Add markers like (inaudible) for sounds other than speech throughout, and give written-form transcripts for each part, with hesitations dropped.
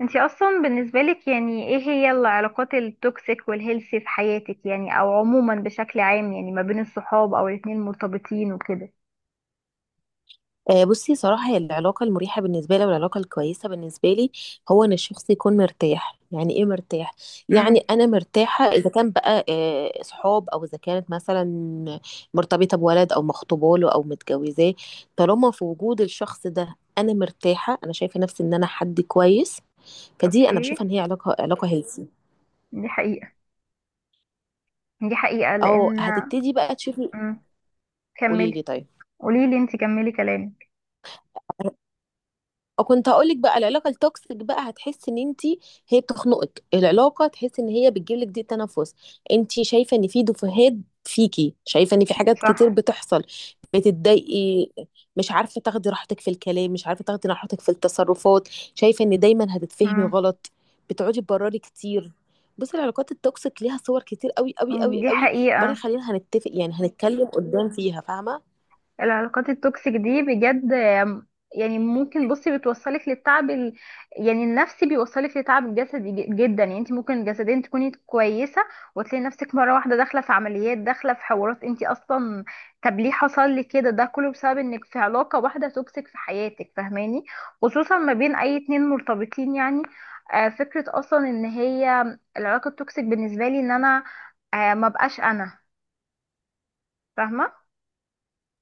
انتي اصلا بالنسبة لك يعني ايه هي العلاقات التوكسيك والهيلثي في حياتك، يعني او عموما بشكل عام، يعني ما بين الصحاب او الاتنين المرتبطين وكده؟ بصي صراحة، هي العلاقة المريحة بالنسبة لي والعلاقة الكويسة بالنسبة لي هو إن الشخص يكون مرتاح. يعني إيه مرتاح؟ امم يعني أنا مرتاحة إذا كان بقى، صحاب، أو إذا كانت مثلا مرتبطة بولد أو مخطوبة له أو متجوزاه. طالما في وجود الشخص ده أنا مرتاحة، أنا شايفة نفسي إن أنا حد كويس. فدي أنا بشوفها اوكي. إن هي علاقة هيلثي. دي حقيقة. دي حقيقة أو لان هتبتدي بقى تشوفي. امم قولي لي كملي. طيب. قوليلي انتي، كملي كلامك. كنت هقولك بقى العلاقه التوكسيك، بقى هتحس ان انت هي بتخنقك العلاقه، تحس ان هي بتجيب لك ضيق تنفس، انت شايفه ان في دفهات فيكي، شايفه ان في حاجات كتير صح. بتحصل، بتتضايقي، مش عارفه تاخدي راحتك في الكلام، مش عارفه تاخدي راحتك في التصرفات، شايفه ان دايما هتتفهمي امم غلط، بتقعدي تبرري كتير. بصي، العلاقات التوكسيك ليها صور كتير قوي قوي قوي دي قوي. برضه حقيقة. خلينا هنتفق، يعني هنتكلم قدام فيها، فاهمه. العلاقات التوكسيك دي بجد، يعني ممكن بصي بتوصلك للتعب، يعني النفسي بيوصلك لتعب جسدي جدا. يعني انت ممكن جسديا تكوني كويسه وتلاقي نفسك مره واحده داخله في عمليات، داخله في حوارات، انت اصلا طب ليه حصل لي كده؟ ده كله بسبب انك في علاقه واحده توكسيك في حياتك، فاهماني؟ خصوصا ما بين اي اتنين مرتبطين يعني. فكره اصلا ان هي العلاقه التوكسيك بالنسبه لي ان انا، ما بقاش انا فاهمه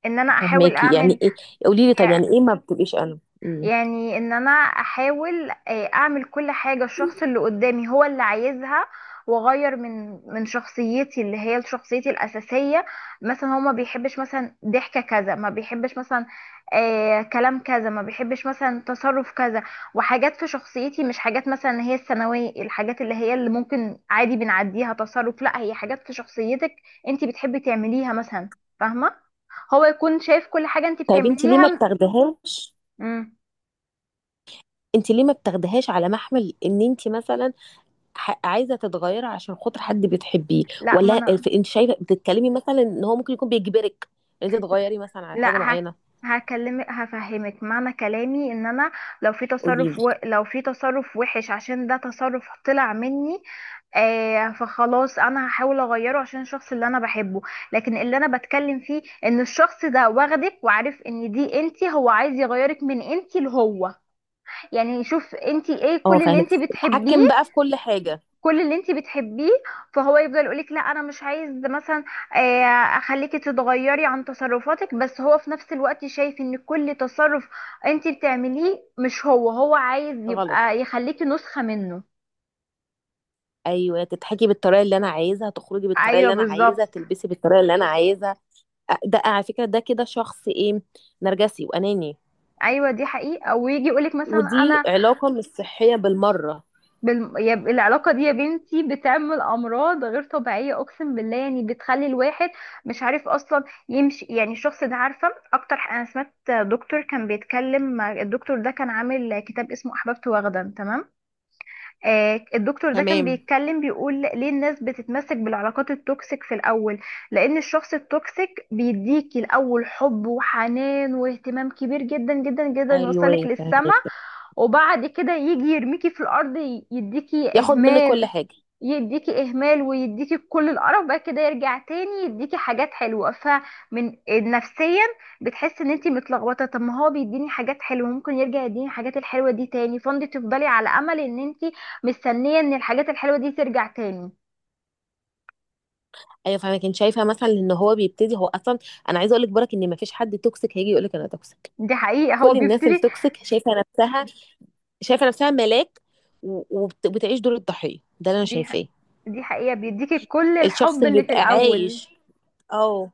ان انا احاول فاهماكي. يعني اعمل، ايه؟ قولي لي طب، يعني ايه ما بتبقيش انا؟ يعني ان انا احاول اعمل كل حاجة الشخص اللي قدامي هو اللي عايزها، واغير من شخصيتي اللي هي شخصيتي الاساسية. مثلا هو ما بيحبش مثلا ضحكة كذا، ما بيحبش مثلا كلام كذا، ما بيحبش مثلا تصرف كذا، وحاجات في شخصيتي مش حاجات مثلا اللي هي الثانوية الحاجات اللي هي اللي ممكن عادي بنعديها تصرف، لا، هي حاجات في شخصيتك انت بتحبي تعمليها مثلا، فاهمة؟ هو يكون شايف كل حاجة انت طيب انت ليه ما بتعمليها. بتاخدهاش؟ مم. انت ليه ما بتاخدهاش على محمل ان انت مثلا عايزه تتغيري عشان خاطر حد بتحبيه؟ لا ما ولا انا، انت شايفه بتتكلمي مثلا ان هو ممكن يكون بيجبرك ان انت تغيري مثلا على حاجه لا هك... معينه؟ هكلمك هفهمك معنى كلامي. ان انا لو في قولي لي. لو في تصرف وحش عشان ده تصرف طلع مني، آه فخلاص انا هحاول اغيره عشان الشخص اللي انا بحبه. لكن اللي انا بتكلم فيه ان الشخص ده واخدك وعارف ان دي انتي، هو عايز يغيرك من انتي لهو، يعني يشوف انتي ايه اه كل اللي فاهمه، انتي تتحكم بتحبيه. بقى في كل حاجه. كل اللي انت بتحبيه فهو يفضل يقولك لا انا مش عايز مثلا آه، اخليكي تتغيري عن تصرفاتك، بس هو في نفس الوقت شايف ان كل تصرف انت بتعمليه مش هو، هو عايز غلط. يبقى يخليكي نسخة منه. ايوه، تضحكي بالطريقه اللي انا عايزها، تخرجي بالطريقه ايوه اللي انا عايزها، بالظبط. تلبسي بالطريقه اللي انا عايزها. ده على فكره ده كده شخص ايه؟ نرجسي واناني. ايوه دي حقيقة، ويجي يقولك مثلا ودي انا، علاقه مش صحيه بالمره. العلاقة دي يا بنتي بتعمل أمراض غير طبيعية، أقسم بالله. يعني بتخلي الواحد مش عارف أصلا يمشي، يعني الشخص ده عارفة أكتر، أنا سمعت دكتور كان بيتكلم، الدكتور ده كان عامل كتاب اسمه أحببت وغدا تمام، آه الدكتور ده كان تمام. بيتكلم بيقول ليه الناس بتتمسك بالعلاقات التوكسيك في الأول، لأن الشخص التوكسيك بيديكي الأول حب وحنان واهتمام كبير جدا جدا جدا، يوصلك ايوه للسما فاهمك، وبعد كده يجي يرميكي في الارض، يديكي ياخد منك كل اهمال. حاجه. يديكي اهمال ويديكي كل القرف بقى كده، يرجع تاني يديكي حاجات حلوه، فمن نفسيا بتحسي ان انتي متلخبطه، طب ما هو بيديني حاجات حلوه، ممكن يرجع يديني الحاجات الحلوه دي تاني، فانت تفضلي على امل ان انتي مستنيه ان الحاجات الحلوه دي ترجع تاني. ايوه فاهمه، كنت شايفه مثلا ان هو بيبتدي هو اصلا. انا عايزه اقول لك برك ان ما فيش حد توكسيك هيجي يقول لك انا توكسيك. دي حقيقه، هو كل الناس بيبتدي. التوكسيك شايفه نفسها، ملاك. وبتعيش دور الضحيه ده اللي انا دي ح- شايفاه. دي حقيقه بيديكي كل الشخص الحب اللي اللي في بيبقى الاول. عايش، اه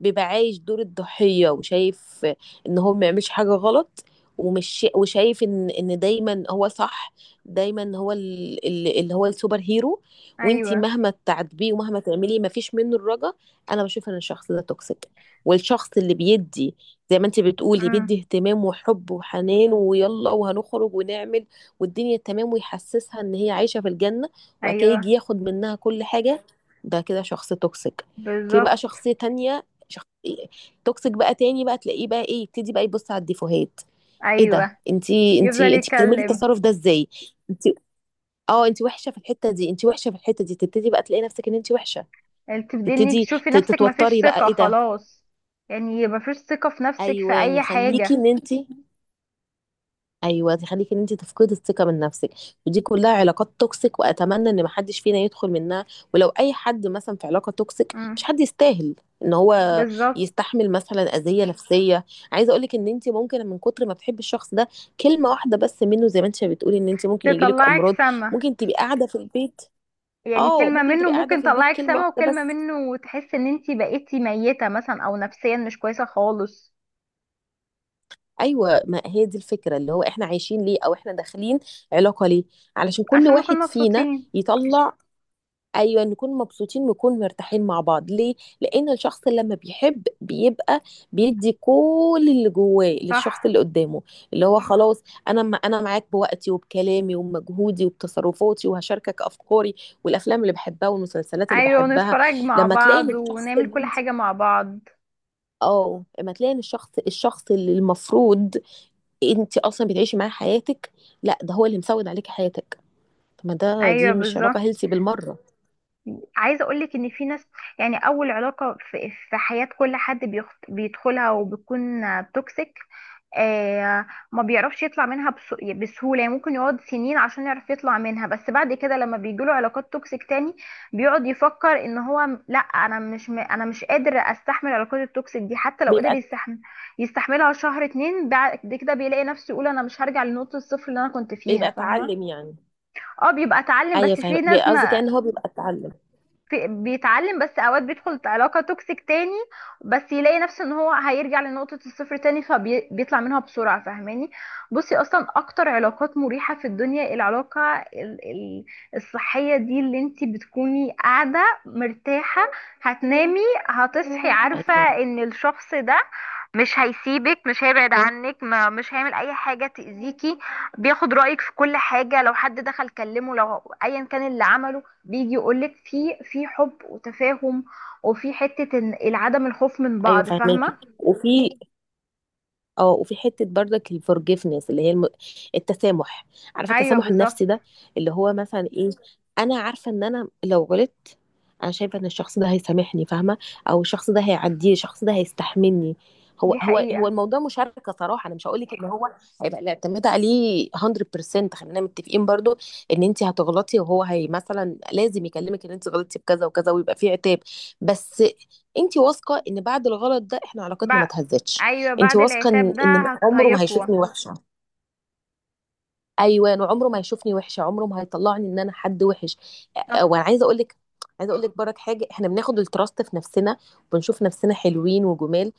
بيبقى عايش دور الضحية، وشايف ان هو ما يعملش حاجة غلط، ومش وشايف ان دايما هو صح، دايما هو اللي هو السوبر هيرو. وانتي ايوه. مهما تعاتبيه ومهما تعملي ما فيش منه الرجا. انا بشوف ان الشخص ده توكسيك. والشخص اللي بيدي، زي ما انتي بتقولي، امم. بيدي اهتمام وحب وحنان، ويلا وهنخرج ونعمل والدنيا تمام، ويحسسها ان هي عايشة في الجنة، وبعد كده يجي ايوه ياخد منها كل حاجة. ده كده شخص توكسيك. في بقى بالظبط. شخصية تانية، توكسيك بقى تاني، بقى تلاقيه بقى ايه، يبتدي بقى يبص على الديفوهات. ايه ده؟ ايوه. يفضل انتي بتعملي يتكلم. التصرف ده ازاي؟ انتي، اه انتي وحشة في الحتة دي، انتي وحشة في الحتة دي، تبتدي بقى تلاقي نفسك ان انتي وحشة. تبدي انك تبتدي تشوفي نفسك مفيش تتوتري بقى، ثقة ايه ده؟ خلاص، يعني مفيش ثقة في نفسك في ايواني اي خليكي حاجة. ان انتي، ايوه تخليكي ان انت تفقدي الثقه من نفسك. ودي كلها علاقات توكسيك، واتمنى ان محدش فينا يدخل منها. ولو اي حد مثلا في علاقه توكسيك، مش مم. حد يستاهل ان هو بالظبط. يستحمل مثلا اذيه نفسيه. عايزه اقولك ان انت ممكن من كتر ما بتحبي الشخص ده، كلمه واحده بس منه، زي ما انت بتقولي ان انت ممكن يجيلك تطلعك امراض، سما. ممكن تبقي قاعده في البيت. يعني اه كلمة ممكن منه تبقي قاعده ممكن في البيت، تطلعك كلمه سما، واحده بس. وكلمة منه تحس ان انتي بقيتي ميتة مثلا، او نفسيا مش كويسة خالص. ايوه، ما هي دي الفكره اللي هو احنا عايشين ليه، او احنا داخلين علاقه ليه؟ علشان كل عشان نكون واحد فينا مبسوطين. يطلع. ايوه، نكون مبسوطين ونكون مرتاحين مع بعض ليه؟ لان الشخص لما بيحب بيبقى بيدي كل اللي جواه صح. للشخص اللي قدامه. اللي هو خلاص، انا معاك بوقتي وبكلامي وبمجهودي وبتصرفاتي، وهشاركك افكاري والافلام اللي بحبها والمسلسلات اللي ايوه بحبها. ونتفرج مع لما تلاقي إن بعض الشخص ونعمل اللي كل انت، حاجة مع بعض. اه لما تلاقي إن الشخص اللي المفروض انت اصلا بتعيشي معاه حياتك، لا ده هو اللي مسود عليك حياتك. طب ما ده، ايوه دي مش بالظبط. علاقة هيلثي بالمرة. عايزه اقول لك ان في ناس، يعني اول علاقه في حياه كل حد بيدخلها وبتكون توكسيك، آه ما بيعرفش يطلع منها بسهوله. يعني ممكن يقعد سنين عشان يعرف يطلع منها، بس بعد كده لما بيجيله علاقات توكسيك تاني بيقعد يفكر ان هو، م- لا انا مش م... انا مش قادر استحمل العلاقات التوكسيك دي. حتى لو قدر بيبقى، يستحمل يستحملها شهر اتنين، بعد كده بيلاقي نفسه يقول انا مش هرجع لنقطه الصفر اللي انا كنت فيها، فاهمه؟ اتعلم يعني. اه بيبقى اتعلم، ايوه بس في فاهمه، ناس قصدي ما، كان هو بيبقى اتعلم. في بيتعلم بس اوقات بيدخل علاقة توكسيك تاني بس يلاقي نفسه ان هو هيرجع لنقطة الصفر تاني، فبيطلع منها بسرعة، فاهماني؟ بصي اصلا اكتر علاقات مريحة في الدنيا العلاقة الصحية دي، اللي انتي بتكوني قاعدة مرتاحة، هتنامي هتصحي عارفة ايوه، ان الشخص ده مش هيسيبك، مش هيبعد عنك، ما مش هيعمل اي حاجه تاذيكي، بياخد رايك في كل حاجه، لو حد دخل كلمه، لو ايا كان اللي عمله بيجي يقولك، في في حب وتفاهم، وفي حته العدم الخوف من ايوه بعض، فاهمه؟ فاهماكي. وفي، اه وفي حته برضك الفورجيفنس، اللي هي التسامح. عارفه ايوه التسامح النفسي بالظبط. ده، اللي هو مثلا ايه؟ انا عارفه ان انا لو غلطت، انا شايفه ان الشخص ده هيسامحني، فاهمه، او الشخص ده هيعديه، الشخص ده هيستحملني. دي هو حقيقه. الموضوع مشاركه صراحه. انا مش هقول لك ان هو هيبقى الاعتماد عليه 100%. خلينا متفقين برضو ان انت هتغلطي، وهو هي مثلا لازم يكلمك ان انت غلطتي بكذا وكذا، ويبقى في عتاب. بس انت واثقه ان بعد الغلط ده احنا علاقتنا ما بع... اتهزتش. ايوه انت بعد واثقه ان العتاب ده ان عمره ما هيقوى. هيشوفني وحشه. ايوه انا، عمره ما هيشوفني وحشه، عمره ما هيطلعني ان انا حد وحش. صح. وانا عايزه اقول لك، برك حاجه، احنا بناخد التراست في نفسنا وبنشوف نفسنا حلوين وجمال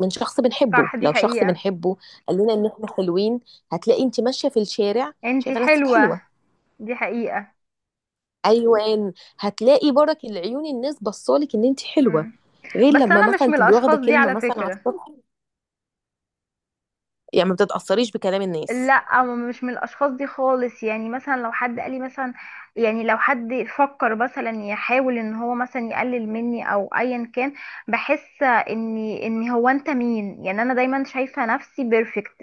من شخص بنحبه. صح دي لو شخص حقيقه. بنحبه قال لنا ان احنا حلوين، هتلاقي انت ماشيه في الشارع انتي شايفه نفسك حلوه. حلوه. دي حقيقه. ايوه، هتلاقي برك العيون الناس بصالك ان انت حلوه، مم. غير بس لما انا مش مثلا من تبقي واخده الاشخاص دي كلمه على مثلا على فكره. السطح. يعني ما بتتاثريش بكلام الناس؟ لا مش من الاشخاص دي خالص. يعني مثلا لو حد قال لي مثلا، يعني لو حد فكر مثلا يحاول ان هو مثلا يقلل مني، او ايا كان، بحس اني ان هو انت مين يعني. انا دايما شايفه نفسي بيرفكت،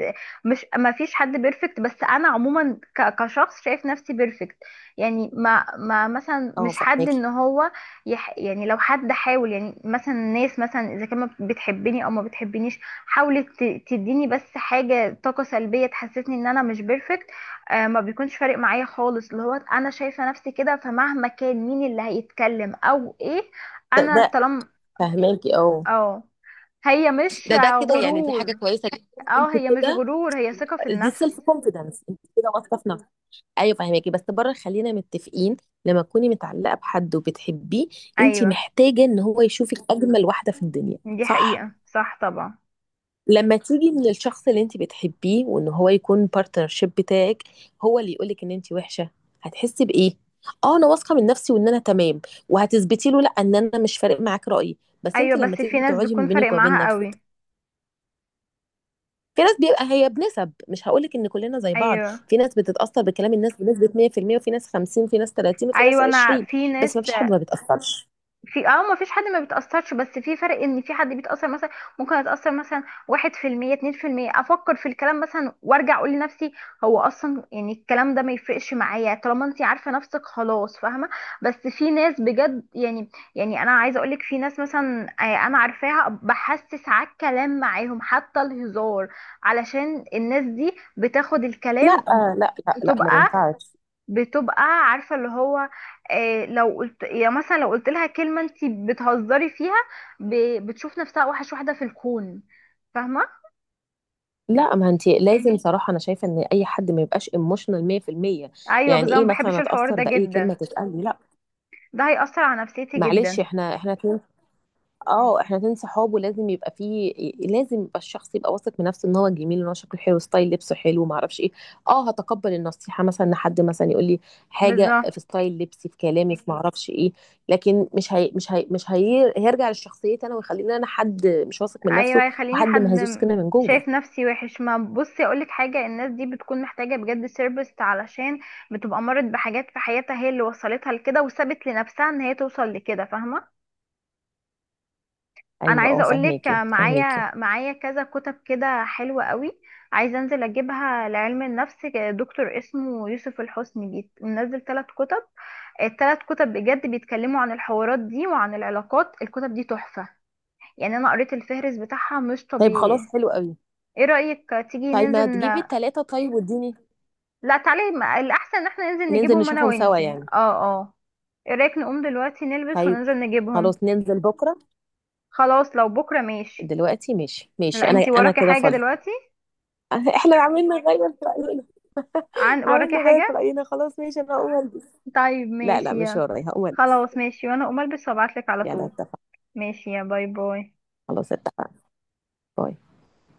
مش ما فيش حد بيرفكت، بس انا عموما كشخص شايف نفسي بيرفكت. يعني ما مثلا اه مش حد ان فاهماكي. هو يعني لو حد حاول. يعني مثلا الناس مثلا اذا كان ما بتحبني او ما بتحبنيش، حاولت تديني بس حاجة طاقة سلبية تحسسني ان انا مش بيرفكت، آه ما بيكونش فارق معايا خالص، اللي هو انا شايفة نفسي كده، فمهما كان مين اللي هيتكلم او ايه ده انا ده طالما، فاهماكي اه. اه. هي مش، ده كده، يعني دي حاجه غرور كويسه جدا اه انت هي مش كده. غرور، هي ثقة في دي النفس. سيلف كونفيدنس، انت كده واثقه في نفسك. ايوه فاهماكي. بس بره خلينا متفقين، لما تكوني متعلقه بحد وبتحبيه، انت ايوه محتاجه ان هو يشوفك اجمل واحده في الدنيا، دي صح؟ حقيقة، صح طبعا. لما تيجي من الشخص اللي انت بتحبيه وان هو يكون بارتنرشيب بتاعك، هو اللي يقولك ان انت وحشه، هتحسي بايه؟ اه انا واثقه من نفسي وان انا تمام، وهتثبتي له لا ان انا مش فارق معاك رايي، بس انت ايوه لما بس في تيجي ناس تقعدي بتكون من فارق بينك وبين معاها نفسك. قوي. في ناس بيبقى هي بنسب، مش هاقول لِك إن كلنا زي بعض، ايوه. في ناس بتتأثّر بكلام الناس بنسبة 100%، وفي ناس 50، وفي ناس 30، وفي ناس ايوه انا 20، في ناس. بس ما فيش حد ما بيتأثّرش. في، اه ما فيش حد ما بيتأثرش، بس في فرق ان في حد بيتأثر مثلا، ممكن اتأثر مثلا 1% 2%، افكر في الكلام مثلا وارجع اقول لنفسي هو اصلا يعني الكلام ده ما يفرقش معايا، طالما انت عارفة نفسك خلاص، فاهمة؟ بس في ناس بجد يعني، يعني انا عايزة اقولك في ناس مثلا انا عارفاها بحسس على الكلام معاهم حتى الهزار، علشان الناس دي بتاخد لأ، الكلام، لأ، لأ، لأ، ما بتبقى، ينفعش. بتبقى عارفه اللي هو، لو قلت يا مثلا لو قلت لها كلمه انت بتهزري فيها، بتشوف نفسها اوحش واحده في الكون، فاهمه؟ لأ، ما أنتِ لازم صراحة أنا شايفة إن أي حد ما يبقاش emotional 100%. ايوه يعني بالظبط، إيه ما مثلًا بحبش الحوار أتأثّر ده بأي جدا. كلمة تتقال لي؟ لأ. ده هيأثر على نفسيتي معلش، جدا. إحنا 2. اه احنا اتنين صحاب، ولازم يبقى فيه، لازم يبقى الشخص يبقى واثق من نفسه ان هو جميل، ان هو شكله حلو، ستايل لبسه حلو، ما اعرفش ايه. اه، هتقبل النصيحه مثلا ان حد مثلا يقول لي حاجه بالظبط. في ستايل لبسي، في كلامي، في ما اعرفش ايه. لكن مش هي هيرجع لشخصيتي انا، ويخليني انا حد مش واثق من ايوه نفسه، هيخليني وحد مهزوز كده من جوه. شايف نفسي وحش. ما بصي اقولك حاجه، الناس دي بتكون محتاجه بجد سيربس، علشان بتبقى مرت بحاجات في حياتها هي اللي وصلتها لكده، وسابت لنفسها ان هي توصل لكده، فاهمه؟ انا ايوه اه عايزه اقول لك، فاهماكي، فاهماكي. معايا كذا كتب كده حلوه قوي، عايزه انزل اجيبها لعلم النفس. دكتور اسمه يوسف الحسني بيت منزل ثلاث كتب، الثلاث كتب بجد بيتكلموا عن الحوارات دي وعن العلاقات. الكتب دي تحفه يعني، انا قريت الفهرس بتاعها مش طيب خلاص طبيعي. حلو قوي. ايه رايك تيجي طيب ما تجيبي التلاته طيب واديني. لا تعالي، الاحسن ان احنا ننزل ننزل نجيبهم انا نشوفهم سوا وانتي، يعني؟ اه اه. ايه رايك نقوم دلوقتي نلبس طيب وننزل نجيبهم؟ خلاص ننزل بكره. خلاص لو بكره ماشي. دلوقتي ماشي، ماشي، لا انا انتي انا وراكي كده حاجه فاضي. دلوقتي. (laughs) احنا عاملين نغير في راينا. عن (laughs) عاملين وراكي نغير في حاجة. راينا، خلاص ماشي انا هقوم البس. طيب لا لا، ماشي مش يلا. ورايا، هقوم البس. خلاص ماشي، وانا اقوم البس وابعتلك على يلا طول. اتفقنا. ماشي يا باي باي. خلاص اتفقنا. باي.